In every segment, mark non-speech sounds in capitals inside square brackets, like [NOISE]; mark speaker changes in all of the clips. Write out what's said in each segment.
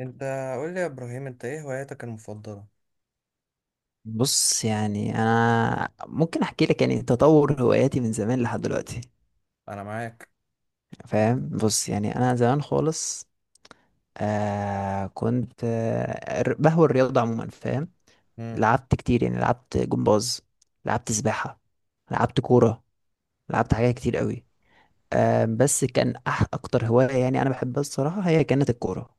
Speaker 1: انت قول لي يا ابراهيم، انت ايه هواياتك المفضلة؟
Speaker 2: بص يعني انا ممكن احكي لك يعني تطور هواياتي من زمان لحد دلوقتي،
Speaker 1: انا معاك.
Speaker 2: فاهم؟ بص يعني انا زمان خالص، كنت بهوى الرياضه عموما، فاهم؟
Speaker 1: مم.
Speaker 2: لعبت كتير، يعني لعبت جمباز، لعبت سباحه، لعبت كوره، لعبت حاجات كتير قوي. بس كان اكتر هوايه يعني انا بحبها الصراحه هي كانت الكوره،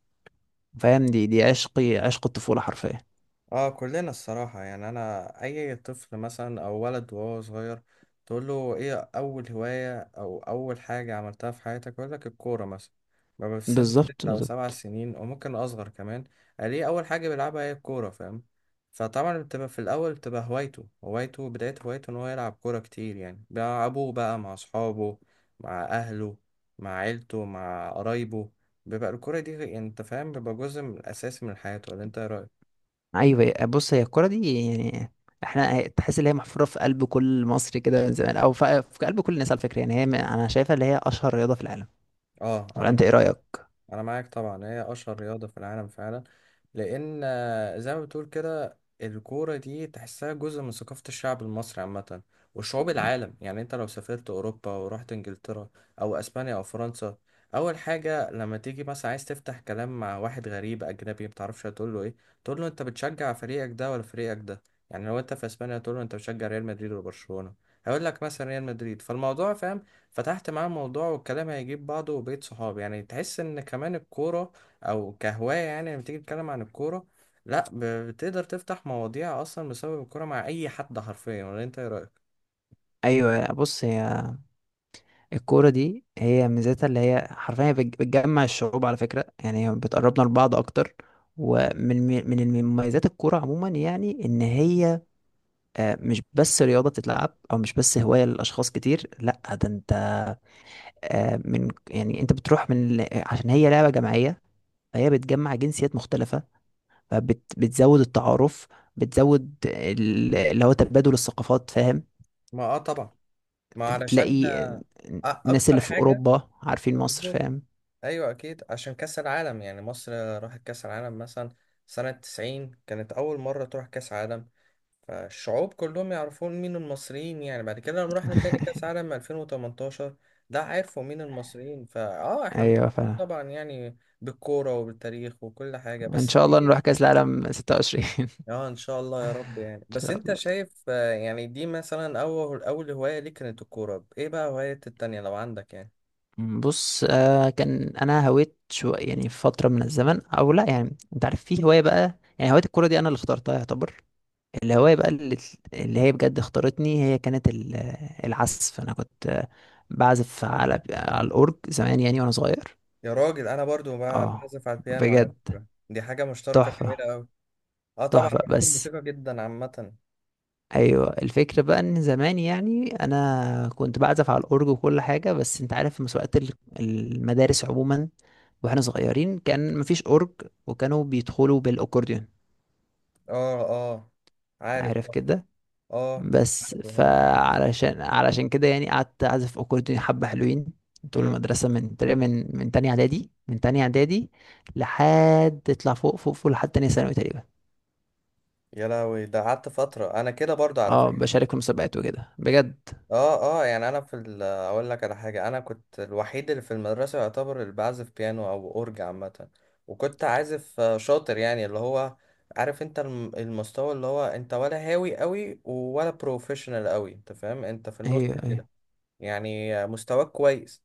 Speaker 2: فاهم؟ دي عشقي، عشق الطفوله حرفيا.
Speaker 1: اه، كلنا الصراحة، يعني انا اي طفل مثلا او ولد وهو صغير تقول له ايه اول هواية او اول حاجة عملتها في حياتك يقول لك الكورة مثلا. ببقى في سن ست
Speaker 2: بالظبط
Speaker 1: او سبع
Speaker 2: بالظبط.
Speaker 1: سنين او ممكن اصغر كمان. ليه اول حاجة بيلعبها هي الكورة، فاهم؟ فطبعا بتبقى في الاول بتبقى هوايته، بداية هوايته ان هو يلعب كورة كتير. يعني بيلعبوه بقى مع اصحابه، مع اهله، مع عيلته، مع قرايبه. بيبقى الكورة دي، يعني انت فاهم، بيبقى جزء من اساسي من حياته. ولا انت ايه رأيك؟
Speaker 2: ايوه، بص، هي الكرة دي يعني احنا تحس ان هي محفورة في قلب كل مصري كده من زمان، او في قلب كل الناس على فكرة، يعني هي انا شايفها اللي هي اشهر رياضة في العالم،
Speaker 1: اه،
Speaker 2: ولا
Speaker 1: انا
Speaker 2: انت ايه رأيك؟
Speaker 1: انا معاك طبعا، هي اشهر رياضه في العالم فعلا. لان زي ما بتقول كده الكوره دي تحسها جزء من ثقافه الشعب المصري عامه وشعوب العالم. يعني انت لو سافرت اوروبا ورحت انجلترا او اسبانيا او فرنسا، اول حاجه لما تيجي مثلا عايز تفتح كلام مع واحد غريب اجنبي متعرفش هتقول له ايه؟ تقول له انت بتشجع فريقك ده ولا فريقك ده. يعني لو انت في اسبانيا تقول له انت بتشجع ريال مدريد ولا برشلونه، هيقول لك مثلا ريال مدريد. فالموضوع فاهم، فتحت معاه الموضوع والكلام هيجيب بعضه وبقيت صحاب. يعني تحس ان كمان الكورة او كهواية، يعني لما تيجي تتكلم عن الكورة، لا، بتقدر تفتح مواضيع اصلا بسبب الكورة مع اي حد حرفيا. ولا انت ايه رأيك؟
Speaker 2: ايوه، بص، هي الكوره دي هي ميزتها اللي هي حرفيا بتجمع الشعوب على فكره، يعني هي بتقربنا لبعض اكتر. ومن مميزات الكوره عموما يعني ان هي مش بس رياضه بتتلعب، او مش بس هوايه لاشخاص كتير، لا ده انت من يعني انت بتروح عشان هي لعبه جماعيه، فهي بتجمع جنسيات مختلفة، فبتزود التعارف، بتزود اللي هو تبادل الثقافات، فاهم؟
Speaker 1: ما طبعا، ما علشان
Speaker 2: بتلاقي الناس
Speaker 1: اكتر
Speaker 2: اللي في
Speaker 1: حاجة.
Speaker 2: أوروبا عارفين مصر،
Speaker 1: مظبوط.
Speaker 2: فاهم؟
Speaker 1: ايوه اكيد، عشان كاس العالم. يعني مصر راحت كاس العالم مثلا سنة 90، كانت اول مرة تروح كاس عالم. فالشعوب كلهم يعرفون مين المصريين. يعني بعد كده لما رحنا تاني كاس
Speaker 2: [LAUGHS]
Speaker 1: عالم 2018 ده، عرفوا مين المصريين. فاه احنا
Speaker 2: أيوة،
Speaker 1: محظوظين
Speaker 2: فاهم.
Speaker 1: طبعا، يعني بالكورة وبالتاريخ وكل حاجة
Speaker 2: إن
Speaker 1: بس
Speaker 2: شاء الله نروح
Speaker 1: دي.
Speaker 2: كأس العالم 26. [LAUGHS] إن
Speaker 1: اه، ان شاء الله يا رب. يعني بس
Speaker 2: شاء
Speaker 1: انت
Speaker 2: الله.
Speaker 1: شايف، يعني دي مثلا اول اول هواية ليك كانت الكورة، ايه بقى هواية التانية لو عندك يعني؟
Speaker 2: بص كان أنا هويت شو يعني في فترة من الزمن، أو لأ، يعني أنت عارف، في هواية بقى، يعني هواية الكورة دي أنا اللي اخترتها يعتبر. الهواية بقى اللي هي بجد اختارتني، هي كانت العزف. أنا كنت بعزف على الأورج زمان يعني وأنا صغير.
Speaker 1: يا راجل انا برضو
Speaker 2: اه،
Speaker 1: بعزف على البيانو، على
Speaker 2: بجد
Speaker 1: فكرة دي حاجة مشتركة جميلة
Speaker 2: تحفة.
Speaker 1: قوي. اه طبعا،
Speaker 2: تحفة
Speaker 1: بحب
Speaker 2: بس.
Speaker 1: الموسيقى جدا عامة.
Speaker 2: أيوة، الفكرة بقى إن زمان يعني أنا كنت بعزف على الأورج وكل حاجة، بس أنت عارف في مسابقات المدارس عموما. واحنا صغيرين كان مفيش أورج، وكانوا بيدخلوا بالأكورديون.
Speaker 1: اه، اه، عارف
Speaker 2: عارف
Speaker 1: طبعا.
Speaker 2: كده.
Speaker 1: اه،
Speaker 2: بس
Speaker 1: عارف الحوار ده.
Speaker 2: علشان كده يعني قعدت اعزف اكورديون حبه حلوين طول
Speaker 1: مم.
Speaker 2: المدرسه، من تقريبا من تانية اعدادي لحد تطلع فوق فوق فوق، لحد تانية ثانوي تقريبا.
Speaker 1: يا لهوي، ده قعدت فترة انا كده برضو على
Speaker 2: اه،
Speaker 1: فكرة.
Speaker 2: بشارك في مسابقات وكده بجد.
Speaker 1: اه، اه، يعني انا اقول لك على حاجة، انا كنت الوحيد اللي في المدرسة يعتبر اللي بعزف بيانو او اورج عامة. وكنت عازف شاطر، يعني اللي هو عارف انت المستوى، اللي هو انت ولا هاوي قوي ولا بروفيشنال قوي، انت فاهم انت في النص
Speaker 2: ايوه
Speaker 1: كده.
Speaker 2: ايوه،
Speaker 1: يعني مستواك كويس.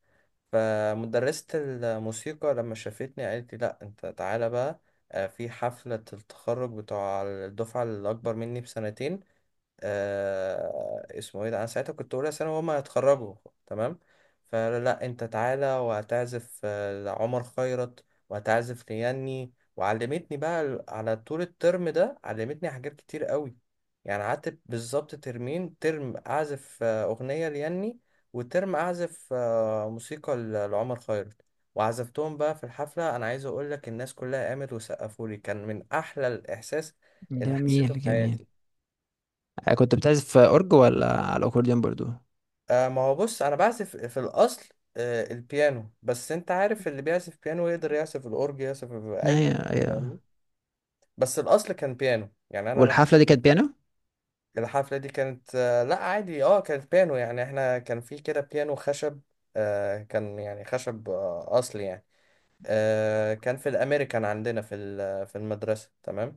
Speaker 1: فمدرسة الموسيقى لما شافتني قالت لي لا انت تعالى بقى في حفلة التخرج بتوع الدفعة الأكبر مني بسنتين. اسمه ايه ده، انا ساعتها كنت اولى ثانوي وهما هيتخرجوا، تمام. فلا، لا، انت تعالى وهتعزف لعمر خيرت وهتعزف لياني. وعلمتني بقى، على طول الترم ده علمتني حاجات كتير قوي. يعني قعدت بالظبط ترمين، ترم اعزف اغنية لياني، وترم اعزف موسيقى لعمر خيرت. وعزفتهم بقى في الحفلة. انا عايز اقول لك، الناس كلها قامت وسقفوا لي، كان من احلى الاحساس اللي حسيته في
Speaker 2: جميل
Speaker 1: حياتي.
Speaker 2: جميل. كنت بتعزف اورج ولا على الاكورديون برضو؟
Speaker 1: ما هو بص انا بعزف في الاصل البيانو، بس انت عارف اللي بيعزف بيانو يقدر يعزف الاورج، يعزف اي
Speaker 2: ايوه
Speaker 1: حاجة، فاهمني.
Speaker 2: ايوه.
Speaker 1: بس الاصل كان بيانو يعني انا.
Speaker 2: والحفله دي كانت بيانو؟
Speaker 1: أنا الحفله دي كانت لا عادي، كانت بيانو. يعني احنا كان في كده بيانو خشب، كان يعني خشب اصلي يعني. كان في الامريكان عندنا في المدرسه، تمام.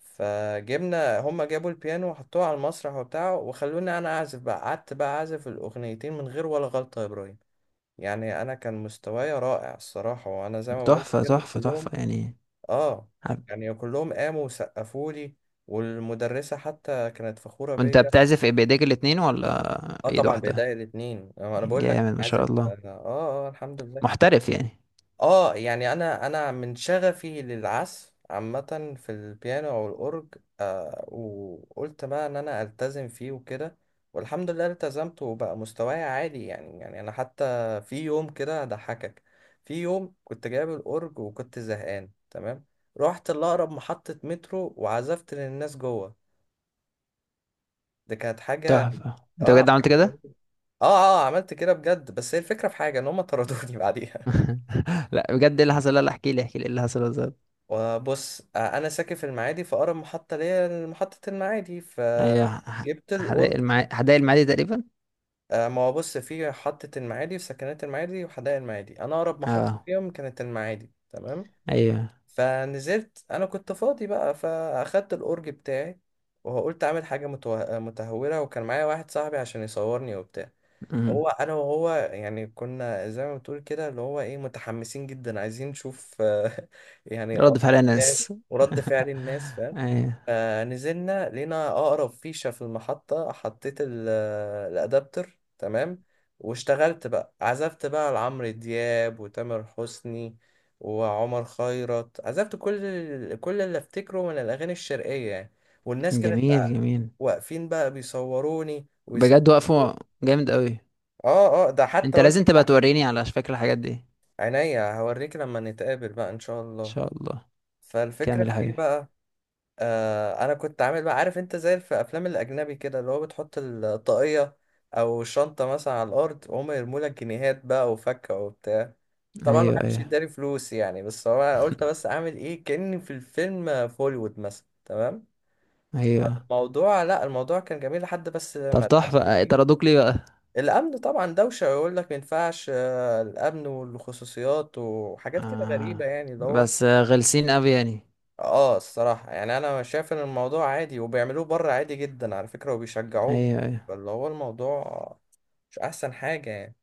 Speaker 1: فجبنا، هما جابوا البيانو وحطوه على المسرح وبتاع وخلوني انا اعزف بقى. قعدت بقى اعزف الاغنيتين من غير ولا غلطه يا ابراهيم. يعني انا كان مستواي رائع الصراحه، وانا زي ما بقول لك
Speaker 2: تحفه
Speaker 1: كده
Speaker 2: تحفه تحفه
Speaker 1: كلهم،
Speaker 2: يعني.
Speaker 1: اه،
Speaker 2: عارف-
Speaker 1: يعني كلهم قاموا وسقفوا لي، والمدرسه حتى كانت فخوره
Speaker 2: وانت
Speaker 1: بيا.
Speaker 2: بتعزف ايه بايديك الاتنين ولا
Speaker 1: اه
Speaker 2: ايد
Speaker 1: طبعا، بايديا
Speaker 2: واحده؟
Speaker 1: الاثنين، انا بقول لك أنا
Speaker 2: جامد ما شاء
Speaker 1: عازف،
Speaker 2: الله،
Speaker 1: الحمد لله.
Speaker 2: محترف يعني.
Speaker 1: اه، يعني انا من شغفي للعزف عامة في البيانو او الاورج، وقلت بقى ان انا التزم فيه وكده. والحمد لله التزمت وبقى مستواي عالي. يعني انا حتى في يوم كده هضحكك. في يوم كنت جايب الاورج وكنت زهقان تمام، رحت لاقرب محطة مترو وعزفت للناس جوه. دي كانت حاجة،
Speaker 2: تحفة، انت
Speaker 1: اه،
Speaker 2: بجد
Speaker 1: حاجة
Speaker 2: عملت
Speaker 1: جميلة.
Speaker 2: كده؟
Speaker 1: اه، اه، عملت كده بجد، بس هي الفكرة في حاجة ان هم طردوني [LAUGHS] بعديها.
Speaker 2: [LAUGHS] لا، بجد ايه اللي حصل؟ لا لا، احكي لي احكي لي ايه اللي حصل بالظبط.
Speaker 1: وبص، انا ساكن في المعادي، فاقرب محطه ليا محطه المعادي،
Speaker 2: ايوه،
Speaker 1: فجبت القرب.
Speaker 2: حدائق المعادي تقريبا.
Speaker 1: ما هو بص، في محطه المعادي، في سكنات المعادي وحدائق المعادي، انا اقرب محطه
Speaker 2: اه،
Speaker 1: فيهم كانت المعادي، تمام.
Speaker 2: ايوه.
Speaker 1: فنزلت، انا كنت فاضي بقى فاخدت الأورج بتاعي، وقلت اعمل حاجه متهوره، وكان معايا واحد صاحبي عشان يصورني وبتاع.
Speaker 2: امم
Speaker 1: هو انا وهو، يعني كنا زي ما بتقول كده اللي هو ايه، متحمسين جدا عايزين نشوف [LAUGHS] يعني
Speaker 2: رد
Speaker 1: آراء
Speaker 2: فعل
Speaker 1: الناس
Speaker 2: ناس.
Speaker 1: ورد فعل الناس، فاهم.
Speaker 2: [LAUGHS] ايوه،
Speaker 1: نزلنا لقينا أقرب فيشة في المحطة، حطيت الأدابتر، تمام. واشتغلت بقى، عزفت بقى لعمرو دياب وتامر حسني وعمر خيرت، عزفت كل اللي افتكره من الأغاني الشرقية يعني. والناس كانت
Speaker 2: جميل جميل.
Speaker 1: واقفين بقى بيصوروني
Speaker 2: بجد
Speaker 1: ويسقفوا.
Speaker 2: وقفوا؟ جامد قوي.
Speaker 1: اه، اه، ده حتى
Speaker 2: انت
Speaker 1: أقول لك
Speaker 2: لازم تبقى
Speaker 1: على حاجة.
Speaker 2: توريني على فكرة الحاجات دي. ان
Speaker 1: عينيا هوريك لما نتقابل بقى إن شاء الله.
Speaker 2: شاء الله،
Speaker 1: فالفكرة
Speaker 2: كامل يا
Speaker 1: في إيه
Speaker 2: حبيبي.
Speaker 1: بقى؟ انا كنت عامل بقى، عارف انت زي في افلام الاجنبي كده، اللي هو بتحط الطاقية او شنطة مثلا على الارض وهم يرموا لك جنيهات بقى وفكة وبتاع. طبعا
Speaker 2: ايوه
Speaker 1: محدش
Speaker 2: ايوه.
Speaker 1: يداري فلوس يعني، بس هو انا قلت بس
Speaker 2: [LAUGHS]
Speaker 1: اعمل ايه كأني في الفيلم في هوليوود مثلا، تمام.
Speaker 2: ايوه.
Speaker 1: الموضوع، لا الموضوع كان جميل لحد بس
Speaker 2: طب
Speaker 1: ما الامن
Speaker 2: تحفة،
Speaker 1: جه.
Speaker 2: طردوك ليه بقى؟
Speaker 1: الامن طبعا دوشة ويقول لك ما ينفعش، الامن والخصوصيات وحاجات كده غريبة،
Speaker 2: آه.
Speaker 1: يعني اللي هو.
Speaker 2: بس غلسين قوي يعني.
Speaker 1: اه، الصراحة يعني انا شايف ان الموضوع عادي وبيعملوه بره عادي جدا على فكرة، وبيشجعوه بره.
Speaker 2: ايوه ايوه.
Speaker 1: فاللي هو الموضوع مش احسن حاجة يعني.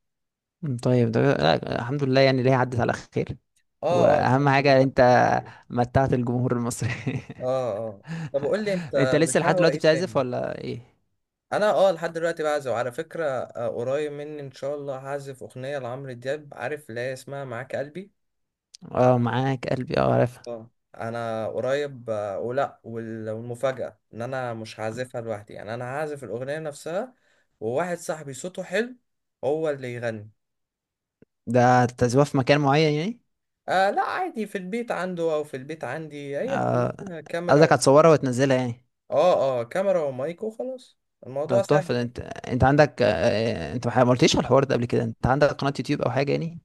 Speaker 2: طيب ده لا، الحمد لله يعني اللي هي عدت على خير.
Speaker 1: اه، اه،
Speaker 2: واهم
Speaker 1: الحمد لله
Speaker 2: حاجه
Speaker 1: على
Speaker 2: انت
Speaker 1: التوفيق.
Speaker 2: متعت الجمهور المصري.
Speaker 1: اه، اه، طب قول لي انت
Speaker 2: [LAUGHS] انت لسه لحد
Speaker 1: بتهوى
Speaker 2: دلوقتي
Speaker 1: ايه
Speaker 2: بتعزف
Speaker 1: تاني؟
Speaker 2: ولا ايه؟
Speaker 1: انا لحد دلوقتي بعزف على فكرة. قريب مني ان شاء الله هعزف اغنية لعمرو دياب، عارف اللي هي اسمها معاك قلبي.
Speaker 2: اه، معاك قلبي، اه عارف.
Speaker 1: اه، انا قريب ولا والمفاجأة ان انا مش هعزفها لوحدي، يعني انا هعزف الاغنية نفسها وواحد صاحبي صوته حلو هو اللي يغني.
Speaker 2: ده تعزفها في مكان معين يعني؟
Speaker 1: لا عادي، في البيت عنده او في البيت عندي، هي
Speaker 2: اه،
Speaker 1: كلها كاميرا
Speaker 2: قصدك
Speaker 1: و...
Speaker 2: هتصورها وتنزلها يعني.
Speaker 1: اه، اه، كاميرا ومايك وخلاص،
Speaker 2: ده
Speaker 1: الموضوع سهل
Speaker 2: تحفه، ده
Speaker 1: يعني.
Speaker 2: انت عندك، انت ما قلتليش على الحوار ده قبل كده، انت عندك قناه يوتيوب او حاجه يعني؟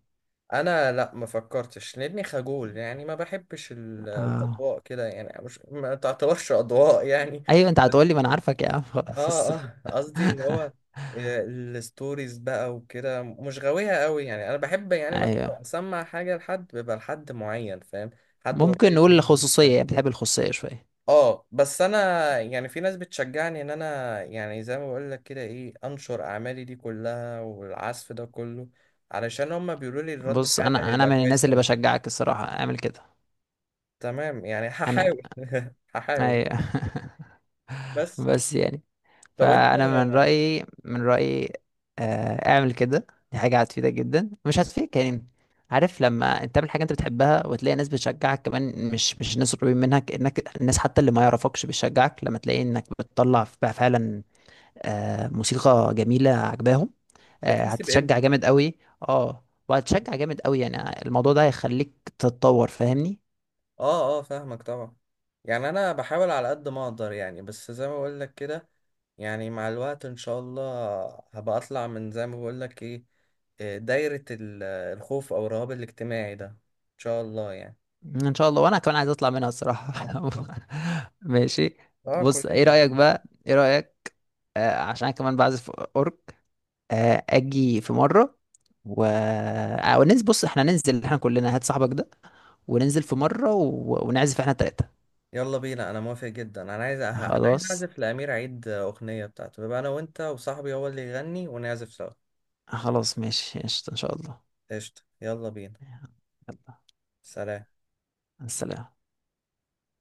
Speaker 1: انا لا، ما فكرتش لاني خجول، يعني ما بحبش
Speaker 2: اه،
Speaker 1: الاضواء كده، يعني مش، ما تعتبرش اضواء يعني.
Speaker 2: ايوه. انت هتقولي ما انا عارفك يا عم،
Speaker 1: اه،
Speaker 2: خلاص.
Speaker 1: اه، قصدي اللي هو
Speaker 2: [LAUGHS]
Speaker 1: الستوريز بقى وكده مش غاويها قوي يعني. انا بحب يعني مثلا
Speaker 2: ايوه،
Speaker 1: لو اسمع حاجه لحد بيبقى لحد معين، فاهم؟ حد
Speaker 2: ممكن
Speaker 1: قريب
Speaker 2: نقول
Speaker 1: مني.
Speaker 2: الخصوصيه، يعني بتحب الخصوصيه شويه.
Speaker 1: اه، بس انا يعني في ناس بتشجعني ان انا، يعني زي ما بقول لك كده، ايه انشر اعمالي دي كلها والعزف ده كله، علشان هما بيقولوا لي الرد
Speaker 2: بص،
Speaker 1: الفعل
Speaker 2: انا
Speaker 1: هيبقى
Speaker 2: من
Speaker 1: كويس
Speaker 2: الناس اللي
Speaker 1: قوي.
Speaker 2: بشجعك الصراحه، اعمل كده.
Speaker 1: تمام، يعني
Speaker 2: انا.
Speaker 1: هحاول [LAUGHS] هحاول،
Speaker 2: ايوه. [LAUGHS]
Speaker 1: بس
Speaker 2: بس يعني.
Speaker 1: لو انت
Speaker 2: فانا من رايي، من رايي. اعمل كده، دي حاجه هتفيدك جدا، مش هتفيدك يعني؟ عارف لما انت تعمل حاجه انت بتحبها وتلاقي ناس بتشجعك كمان، مش ناس قريبين منك، انك الناس حتى اللي ما يعرفكش بتشجعك، لما تلاقي انك بتطلع بقى فعلا موسيقى جميله عجباهم،
Speaker 1: بتحس بامتى.
Speaker 2: هتشجع جامد قوي. اه، وهتشجع جامد قوي يعني. الموضوع ده هيخليك تتطور، فاهمني؟
Speaker 1: اه، اه، فاهمك طبعا. يعني انا بحاول على قد ما اقدر، يعني بس زي ما بقول لك كده، يعني مع الوقت ان شاء الله هبقى اطلع من، زي ما بقول لك ايه، إيه، دايرة الخوف او الرهاب الاجتماعي ده، ان شاء الله يعني.
Speaker 2: ان شاء الله، وانا كمان عايز اطلع منها الصراحه. [LAUGHS] ماشي.
Speaker 1: اه،
Speaker 2: بص، ايه
Speaker 1: كلنا
Speaker 2: رايك
Speaker 1: هنشوفها.
Speaker 2: بقى، ايه رايك عشان أنا كمان بعزف اورك. اجي في مره و وننزل، بص احنا ننزل احنا كلنا، هات صاحبك ده وننزل في مره ونعزف احنا التلاته.
Speaker 1: يلا بينا، انا موافق جدا، انا عايز
Speaker 2: خلاص.
Speaker 1: اعزف لامير عيد اغنية بتاعته، يبقى انا وانت وصاحبي هو اللي يغني ونعزف سوا.
Speaker 2: خلاص ماشي قشطة ان شاء الله.
Speaker 1: قشطة، يلا بينا.
Speaker 2: يلا.
Speaker 1: سلام.
Speaker 2: السلام.